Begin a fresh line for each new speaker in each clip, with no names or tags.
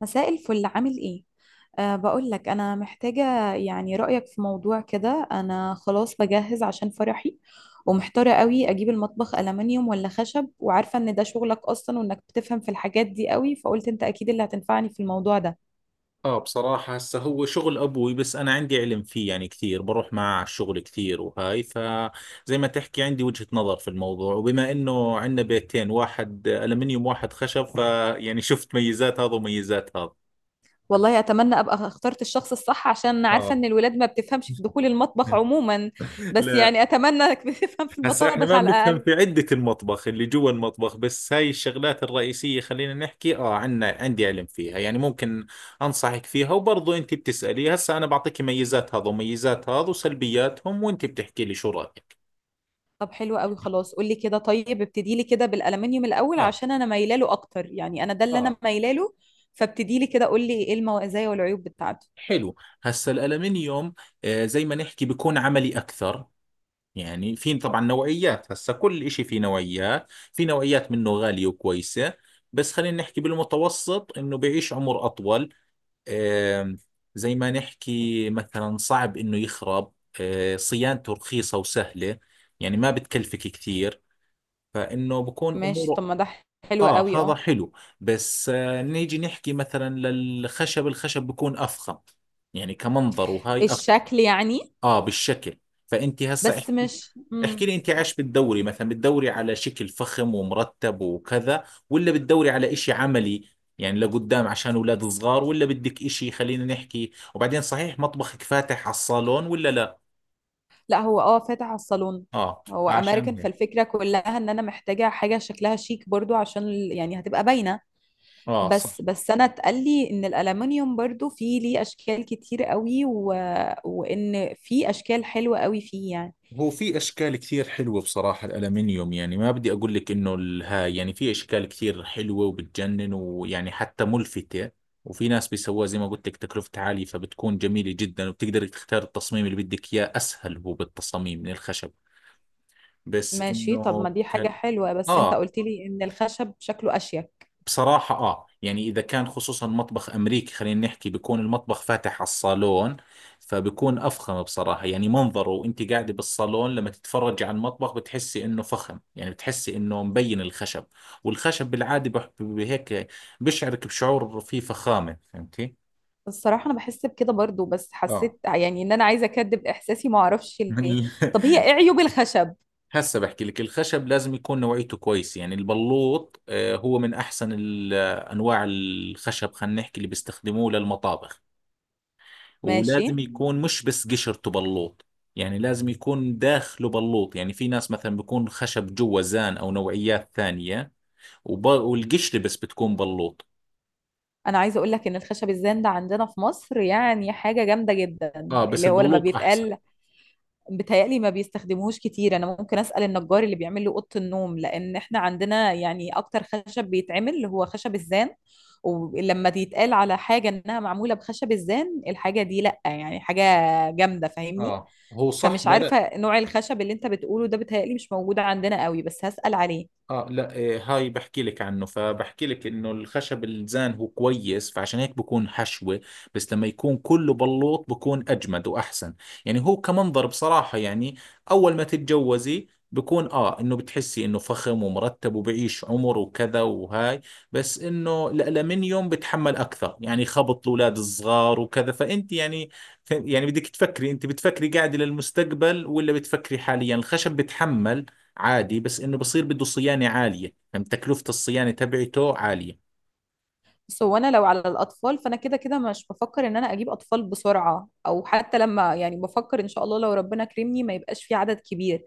مساء الفل، عامل ايه؟ بقول لك انا محتاجة يعني رأيك في موضوع كده. انا خلاص بجهز عشان فرحي، ومحتارة قوي اجيب المطبخ ألمنيوم ولا خشب، وعارفة ان ده شغلك اصلا وانك بتفهم في الحاجات دي قوي، فقلت انت اكيد اللي هتنفعني في الموضوع ده.
اه، بصراحة هسه هو شغل ابوي، بس انا عندي علم فيه، يعني كثير بروح معه على الشغل كثير، وهاي فزي ما تحكي عندي وجهة نظر في الموضوع. وبما انه عندنا بيتين، واحد الومنيوم واحد خشب، فيعني شفت ميزات هذا وميزات هذا.
والله اتمنى ابقى اخترت الشخص الصح، عشان أنا عارفة
اه.
ان الولاد ما بتفهمش في دخول المطبخ عموما. بس
لا.
يعني اتمنى انك بتفهم في
هسا احنا
المطابخ
ما
على
بنفهم
الأقل.
في عدة المطبخ اللي جوا المطبخ، بس هاي الشغلات الرئيسية خلينا نحكي عنا، عندي علم فيها، يعني ممكن انصحك فيها. وبرضو انت بتسألي، هسا انا بعطيك ميزات هذا وميزات هذا وسلبياتهم، وانت بتحكي لي شو رأيك.
طب حلو قوي، خلاص قولي كده. طيب ابتدي لي كده بالالومنيوم الاول،
اه.
عشان انا مايله له اكتر، يعني انا ده اللي انا
اه.
مايله له. فابتدي لي كده، قولي ايه المزايا والعيوب بتاعته.
حلو. هسا الألمنيوم، زي ما نحكي بيكون عملي أكثر. يعني في طبعا نوعيات، هسا كل إشي فيه نوعيات، في نوعيات منه غالية وكويسة. بس خلينا نحكي بالمتوسط إنه بيعيش عمر أطول. آم، زي ما نحكي مثلا صعب انه يخرب. صيانته رخيصة وسهلة، يعني ما بتكلفك كثير، فانه بكون
ماشي، طب
اموره.
ما ده حلو
اه،
قوي،
هذا
اه.
حلو. بس نيجي نحكي مثلا للخشب، الخشب بكون افخم، يعني كمنظر، وهاي افخم.
الشكل يعني؟
اه، بالشكل. فانت هسه
بس مش
احكي
مم.
لي انت عايش بالدوري مثلا، بالدوري على شكل فخم ومرتب وكذا، ولا بالدوري على اشي عملي؟ يعني لقدام عشان اولاد صغار، ولا بدك اشي، خلينا نحكي. وبعدين صحيح مطبخك فاتح على الصالون ولا لا؟
لا، هو اه فاتح على الصالون.
اه،
هو امريكان،
عشان هيك.
فالفكره كلها ان انا محتاجه حاجه شكلها شيك برضو عشان يعني هتبقى باينه.
اه،
بس انا اتقال لي ان الالومنيوم برضو فيه ليه اشكال كتير قوي، وان في اشكال حلوه قوي فيه يعني.
هو في اشكال كثير حلوه بصراحه. الالمنيوم يعني ما بدي اقول لك انه الهاي، يعني في اشكال كثير حلوه وبتجنن، ويعني حتى ملفته. وفي ناس بيسووها، زي ما قلت لك، تكلفتها عاليه، فبتكون جميله جدا، وبتقدر تختار التصميم اللي بدك اياه. اسهل هو بالتصاميم من الخشب. بس
ماشي، طب ما
انه
دي حاجة حلوة، بس انت
اه.
قلت لي ان الخشب شكله اشيك.
بصراحة، يعني إذا كان خصوصا مطبخ أمريكي، خلينا نحكي، بيكون المطبخ فاتح على الصالون، فبيكون أفخم بصراحة، يعني منظره. وأنت قاعدة بالصالون، لما تتفرجي على المطبخ بتحسي إنه فخم، يعني بتحسي إنه مبين الخشب. والخشب بالعادة بهيك بشعرك بشعور فيه فخامة، فهمتي؟
الصراحة انا بحس بكده برضو، بس
آه.
حسيت يعني ان انا عايزة اكدب احساسي، ما اعرفش
من-
ليه.
ال-
طب هي ايه عيوب الخشب؟
هسه بحكي لك، الخشب لازم يكون نوعيته كويس، يعني البلوط، هو من أحسن أنواع الخشب، خلينا نحكي، اللي بيستخدموه للمطابخ.
ماشي.
ولازم يكون مش بس قشرته بلوط، يعني لازم يكون داخله بلوط. يعني في ناس مثلا بيكون خشب جوا زان او نوعيات ثانية، والقشرة بس بتكون بلوط.
انا عايزة اقول لك ان الخشب الزان ده عندنا في مصر يعني حاجة جامدة جدا،
اه، بس
اللي هو لما
البلوط احسن.
بيتقال. بتهيألي ما بيستخدموهوش كتير، انا ممكن اسأل النجار اللي بيعمل لي اوضة النوم، لان احنا عندنا يعني اكتر خشب بيتعمل اللي هو خشب الزان. ولما بيتقال على حاجة انها معمولة بخشب الزان، الحاجة دي لأ، يعني حاجة جامدة، فاهمني.
اه، هو صح.
فمش
لا، لا.
عارفة نوع الخشب اللي انت بتقوله ده بتهيألي مش موجود عندنا قوي، بس هسأل عليه.
اه، لا، هاي بحكي لك عنه. فبحكي لك انه الخشب الزان هو كويس، فعشان هيك بكون حشوة. بس لما يكون كله بلوط بكون اجمد واحسن. يعني هو كمنظر بصراحة، يعني اول ما تتجوزي بكون انه بتحسي انه فخم ومرتب وبعيش عمر وكذا وهاي. بس انه الالمنيوم بتحمل اكثر، يعني خبط الاولاد الصغار وكذا. فانت يعني، بدك تفكري، انت بتفكري قاعدة للمستقبل ولا بتفكري حاليا؟ الخشب بتحمل عادي، بس انه بصير بده صيانة عالية، فهم تكلفة الصيانة تبعته عالية.
بس هو انا لو على الاطفال فانا كده كده مش بفكر ان انا اجيب اطفال بسرعه، او حتى لما يعني بفكر ان شاء الله لو ربنا كرمني ما يبقاش في عدد كبير.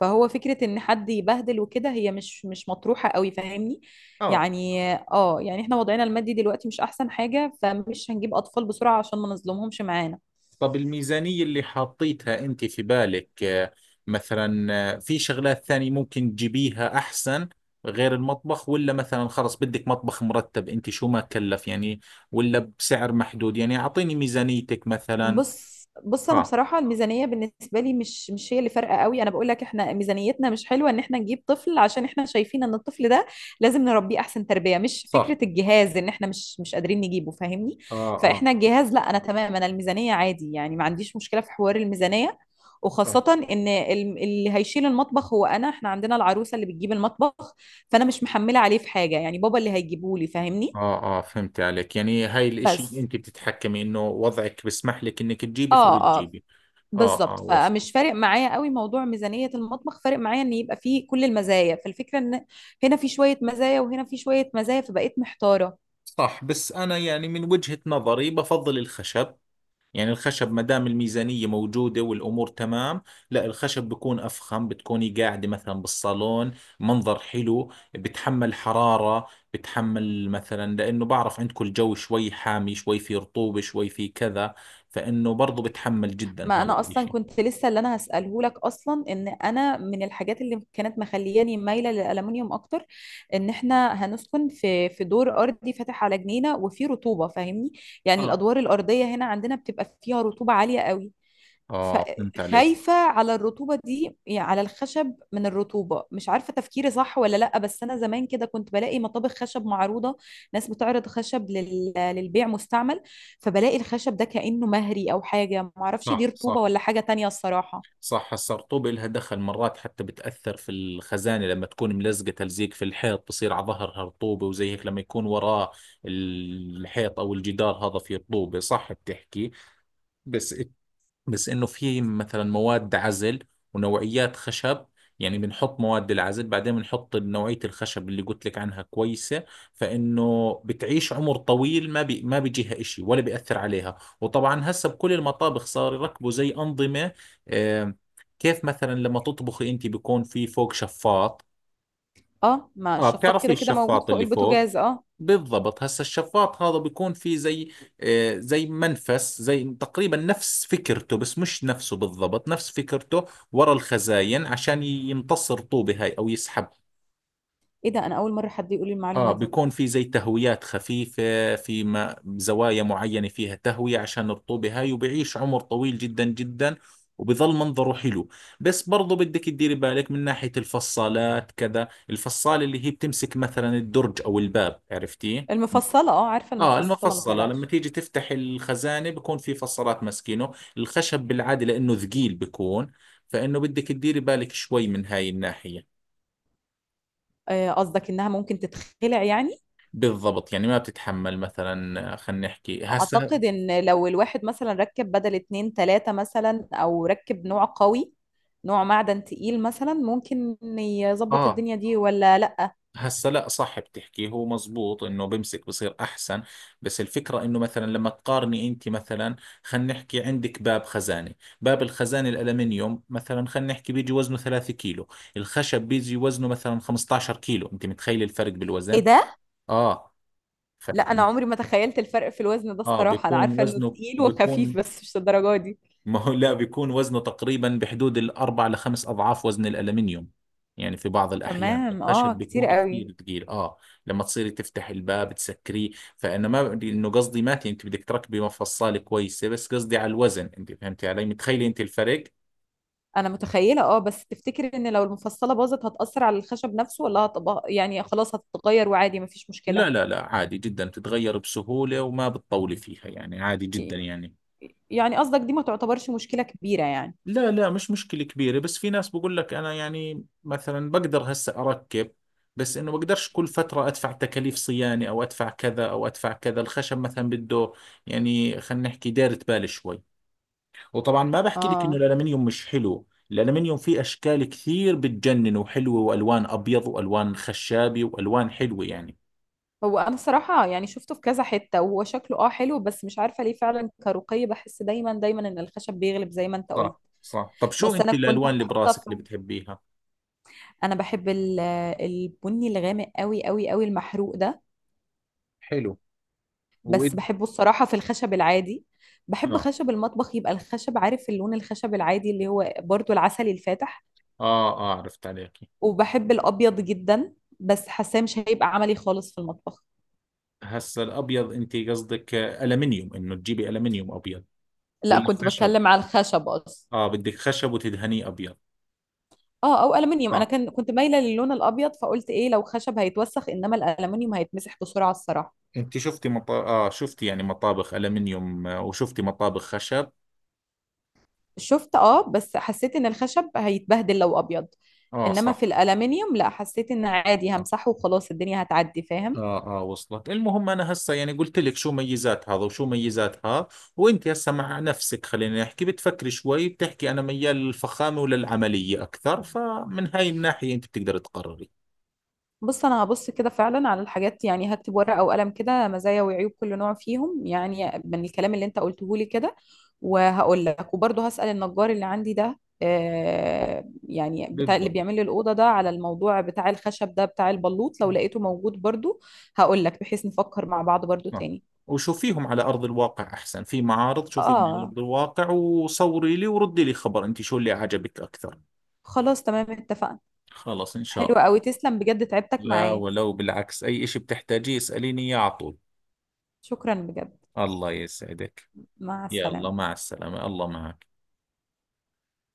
فهو فكره ان حد يبهدل وكده هي مش مطروحه قوي، فاهمني.
اه.
يعني اه، يعني احنا وضعنا المادي دلوقتي مش احسن حاجه، فمش هنجيب اطفال بسرعه عشان ما نظلمهمش معانا.
طب الميزانية اللي حاطيتها انت في بالك، مثلا في شغلات ثانية ممكن تجيبيها احسن غير المطبخ؟ ولا مثلا خلص بدك مطبخ مرتب انت شو ما كلف يعني؟ ولا بسعر محدود؟ يعني اعطيني ميزانيتك مثلا.
بص انا
اه،
بصراحه الميزانيه بالنسبه لي مش هي اللي فارقه قوي. انا بقول لك احنا ميزانيتنا مش حلوه ان احنا نجيب طفل، عشان احنا شايفين ان الطفل ده لازم نربيه احسن تربيه، مش
صح.
فكره الجهاز ان احنا مش قادرين نجيبه، فاهمني.
اه. اه.
فاحنا الجهاز لا، انا تمام، انا الميزانيه عادي، يعني ما عنديش مشكله في حوار الميزانيه. وخاصة ان اللي هيشيل المطبخ هو انا، احنا عندنا العروسة اللي بتجيب المطبخ. فانا مش محملة عليه في حاجة، يعني بابا اللي هيجيبه لي، فاهمني.
اه. اه، فهمت عليك. يعني هاي الاشي
بس
انت بتتحكمي انه وضعك بسمح لك انك تجيبي،
اه آه.
فبتجيبي. اه،
بالظبط.
اه، وصل.
فمش فارق معايا قوي موضوع ميزانية المطبخ، فارق معايا ان يبقى فيه كل المزايا. فالفكرة ان هنا في شوية مزايا وهنا في شوية مزايا، فبقيت محتارة.
صح. بس أنا يعني، من وجهة نظري، بفضل الخشب. يعني الخشب ما دام الميزانية موجودة والأمور تمام، لا، الخشب بكون أفخم. بتكوني قاعدة مثلا بالصالون، منظر حلو. بتحمل حرارة، بتحمل مثلا، لأنه بعرف عندكم الجو شوي حامي، شوي في رطوبة، شوي في كذا، فإنه برضو بتحمل جدا
ما
هذا
انا اصلا
الإشي.
كنت لسه اللي انا هسأله لك اصلا، ان انا من الحاجات اللي كانت مخلياني مايلة للألمنيوم اكتر ان احنا هنسكن في دور ارضي فاتح على جنينة وفيه رطوبة، فاهمني. يعني
اه،
الادوار الارضية هنا عندنا بتبقى فيها رطوبة عالية قوي.
آه، فهمت عليك.
فخايفة على الرطوبة دي يعني على الخشب من الرطوبة، مش عارفة تفكيري صح ولا لأ. بس أنا زمان كده كنت بلاقي مطابخ خشب معروضة، ناس بتعرض خشب للبيع مستعمل، فبلاقي الخشب ده كأنه مهري أو حاجة، معرفش دي
صح،
رطوبة
صح،
ولا حاجة تانية الصراحة.
صح. السرطوبة لها دخل مرات، حتى بتأثر في الخزانة لما تكون ملزقة تلزيق في الحيط، بصير على ظهرها رطوبة. وزي هيك لما يكون وراه الحيط أو الجدار هذا فيه رطوبة، صح بتحكي. بس بس انه في مثلا مواد عزل ونوعيات خشب، يعني بنحط مواد العزل، بعدين بنحط نوعية الخشب اللي قلت لك عنها كويسة، فإنه بتعيش عمر طويل. ما بيجيها إشي ولا بيأثر عليها. وطبعا هسه بكل المطابخ صار يركبوا زي أنظمة، آه، كيف مثلا لما تطبخي أنت بيكون في فوق شفاط.
اه، ما
اه،
الشفاط
بتعرفي
كده كده موجود
الشفاط
فوق
اللي فوق.
البوتاجاز، اه.
بالضبط. هسا الشفاط هذا بيكون فيه زي، زي منفس، زي تقريبا نفس فكرته بس مش نفسه بالضبط، نفس فكرته، ورا الخزاين عشان يمتص الرطوبة هاي أو يسحب.
ايه ده، انا اول مره حد يقول لي
آه،
المعلومه دي.
بيكون في زي تهويات خفيفة، في ما زوايا معينة فيها تهوية عشان الرطوبة هاي، وبيعيش عمر طويل جدا جدا، وبظل منظره حلو. بس برضو بدك تديري بالك من ناحية الفصالات كذا، الفصالة اللي هي بتمسك مثلا الدرج أو الباب، عرفتيه؟
المفصله، اه عارفه
اه،
المفصله، ما
المفصلة لما
تقلقش.
تيجي تفتح الخزانة بكون في فصلات ماسكينه. الخشب بالعادة لأنه ثقيل بكون، فإنه بدك تديري بالك شوي من هاي الناحية.
آه، قصدك انها ممكن تتخلع يعني؟
بالضبط، يعني ما بتتحمل مثلا، خلينا نحكي هسه.
اعتقد ان لو الواحد مثلا ركب بدل اتنين تلاتة مثلا، او ركب نوع قوي، نوع معدن تقيل مثلا، ممكن يظبط
اه.
الدنيا دي ولا لا؟
هسا، لا، صح بتحكي. هو مزبوط انه بمسك بصير احسن. بس الفكرة انه مثلا لما تقارني انت مثلا، خلينا نحكي عندك باب خزانة. باب الخزانة الالمنيوم مثلا خلينا نحكي بيجي وزنه 3 كيلو. الخشب بيجي وزنه مثلا 15 كيلو. انت متخيل الفرق
ايه
بالوزن؟
ده!
اه. ف...
لا انا عمري ما تخيلت الفرق في الوزن ده
اه
الصراحة، انا
بيكون
عارفة انه
وزنه
تقيل وخفيف
بيكون.
بس مش للدرجة دي.
ما هو لا، بيكون وزنه تقريبا بحدود الأربع لخمس أضعاف وزن الألمنيوم. يعني في بعض الأحيان
تمام،
الخشب
اه كتير
بيكون
قوي.
كثير ثقيل، آه، لما تصيري تفتح الباب تسكريه. فأنا ما بدي إنه، قصدي، ماتي أنت بدك تركبي مفصلة كويسة، بس قصدي على الوزن، أنت فهمتي علي؟ متخيلي أنت الفرق؟
انا متخيلة اه، بس تفتكر ان لو المفصلة باظت هتأثر على الخشب نفسه ولا هتبقى يعني خلاص هتتغير وعادي مفيش مشكلة؟
لا، لا، لا، عادي جدا بتتغير بسهولة، وما بتطولي فيها، يعني عادي جدا
ي-
يعني.
يعني قصدك دي ما تعتبرش مشكلة كبيرة يعني؟
لا، لا، مش مشكلة كبيرة. بس في ناس بقول لك أنا يعني مثلا بقدر هسه أركب، بس إنه بقدرش كل فترة أدفع تكاليف صيانة، أو أدفع كذا أو أدفع كذا. الخشب مثلا بده يعني، خلينا نحكي دايرة بال شوي. وطبعا ما بحكي لك إنه
اه.
الألمنيوم مش حلو، الألمنيوم فيه أشكال كثير بتجنن وحلوة، وألوان أبيض وألوان خشابي وألوان حلوة يعني.
هو انا الصراحه يعني شفته في كذا حته وهو شكله اه حلو، بس مش عارفه ليه فعلا كرقي بحس دايما دايما ان الخشب بيغلب زي ما انت قلت.
صح، صح. طب شو
بس
أنت
انا كنت
الألوان اللي
حاطه
براسك
في،
اللي بتحبيها؟
انا بحب البني الغامق قوي قوي قوي المحروق ده.
حلو.
بس
وإد.
بحبه الصراحه في الخشب العادي، بحب
آه،
خشب المطبخ يبقى الخشب، عارف اللون الخشب العادي اللي هو برضو العسلي الفاتح.
آه، آه، عرفت عليك.
وبحب الابيض جدا بس حاساه مش هيبقى عملي خالص في المطبخ.
هسا الابيض، انت قصدك الومنيوم، انه تجيبي الومنيوم ابيض
لا،
ولا
كنت
خشب؟
بتكلم على الخشب اصلا.
اه، بدك خشب وتدهنيه ابيض.
اه او الومنيوم، انا
اه،
كنت مايله للون الابيض، فقلت ايه لو خشب هيتوسخ، انما الالومنيوم هيتمسح بسرعه الصراحه.
انت شفتي مط... اه شفتي يعني مطابخ الومنيوم، وشفتي مطابخ خشب.
شفت اه، بس حسيت ان الخشب هيتبهدل لو ابيض،
اه،
انما في
صح.
الالومنيوم لا، حسيت ان عادي
اه،
همسحه وخلاص الدنيا هتعدي، فاهم.
اه، وصلت. المهم انا هسا يعني قلت لك شو ميزات هذا وشو ميزات هذا، وانت هسا مع نفسك خلينا نحكي، بتفكري شوي، بتحكي انا ميال للفخامه وللعمليه اكثر، فمن هاي الناحيه انت بتقدر تقرري.
بص انا هبص كده فعلا على الحاجات، يعني هكتب ورقه وقلم كده مزايا وعيوب كل نوع فيهم يعني من الكلام اللي انت قلته لي كده، وهقول لك. وبرضه هسأل النجار اللي عندي ده آه، يعني بتاع اللي
بالضبط.
بيعمل لي الاوضه ده، على الموضوع بتاع الخشب ده بتاع البلوط، لو لقيته موجود برضه هقول لك، بحيث نفكر مع بعض برضه
صح.
تاني.
وشوفيهم على أرض الواقع أحسن، في معارض، شوفيهم على
اه
أرض الواقع، وصوري لي وردي لي خبر أنت شو اللي عجبك أكثر.
خلاص، تمام، اتفقنا.
خلص إن
حلو
شاء الله.
قوي، تسلم بجد، تعبتك
لا،
معايا.
ولو، بالعكس، أي إشي بتحتاجيه اسأليني إياه على طول.
شكرا بجد.
الله يسعدك.
مع
يلا،
السلامه.
مع السلامة، الله معك.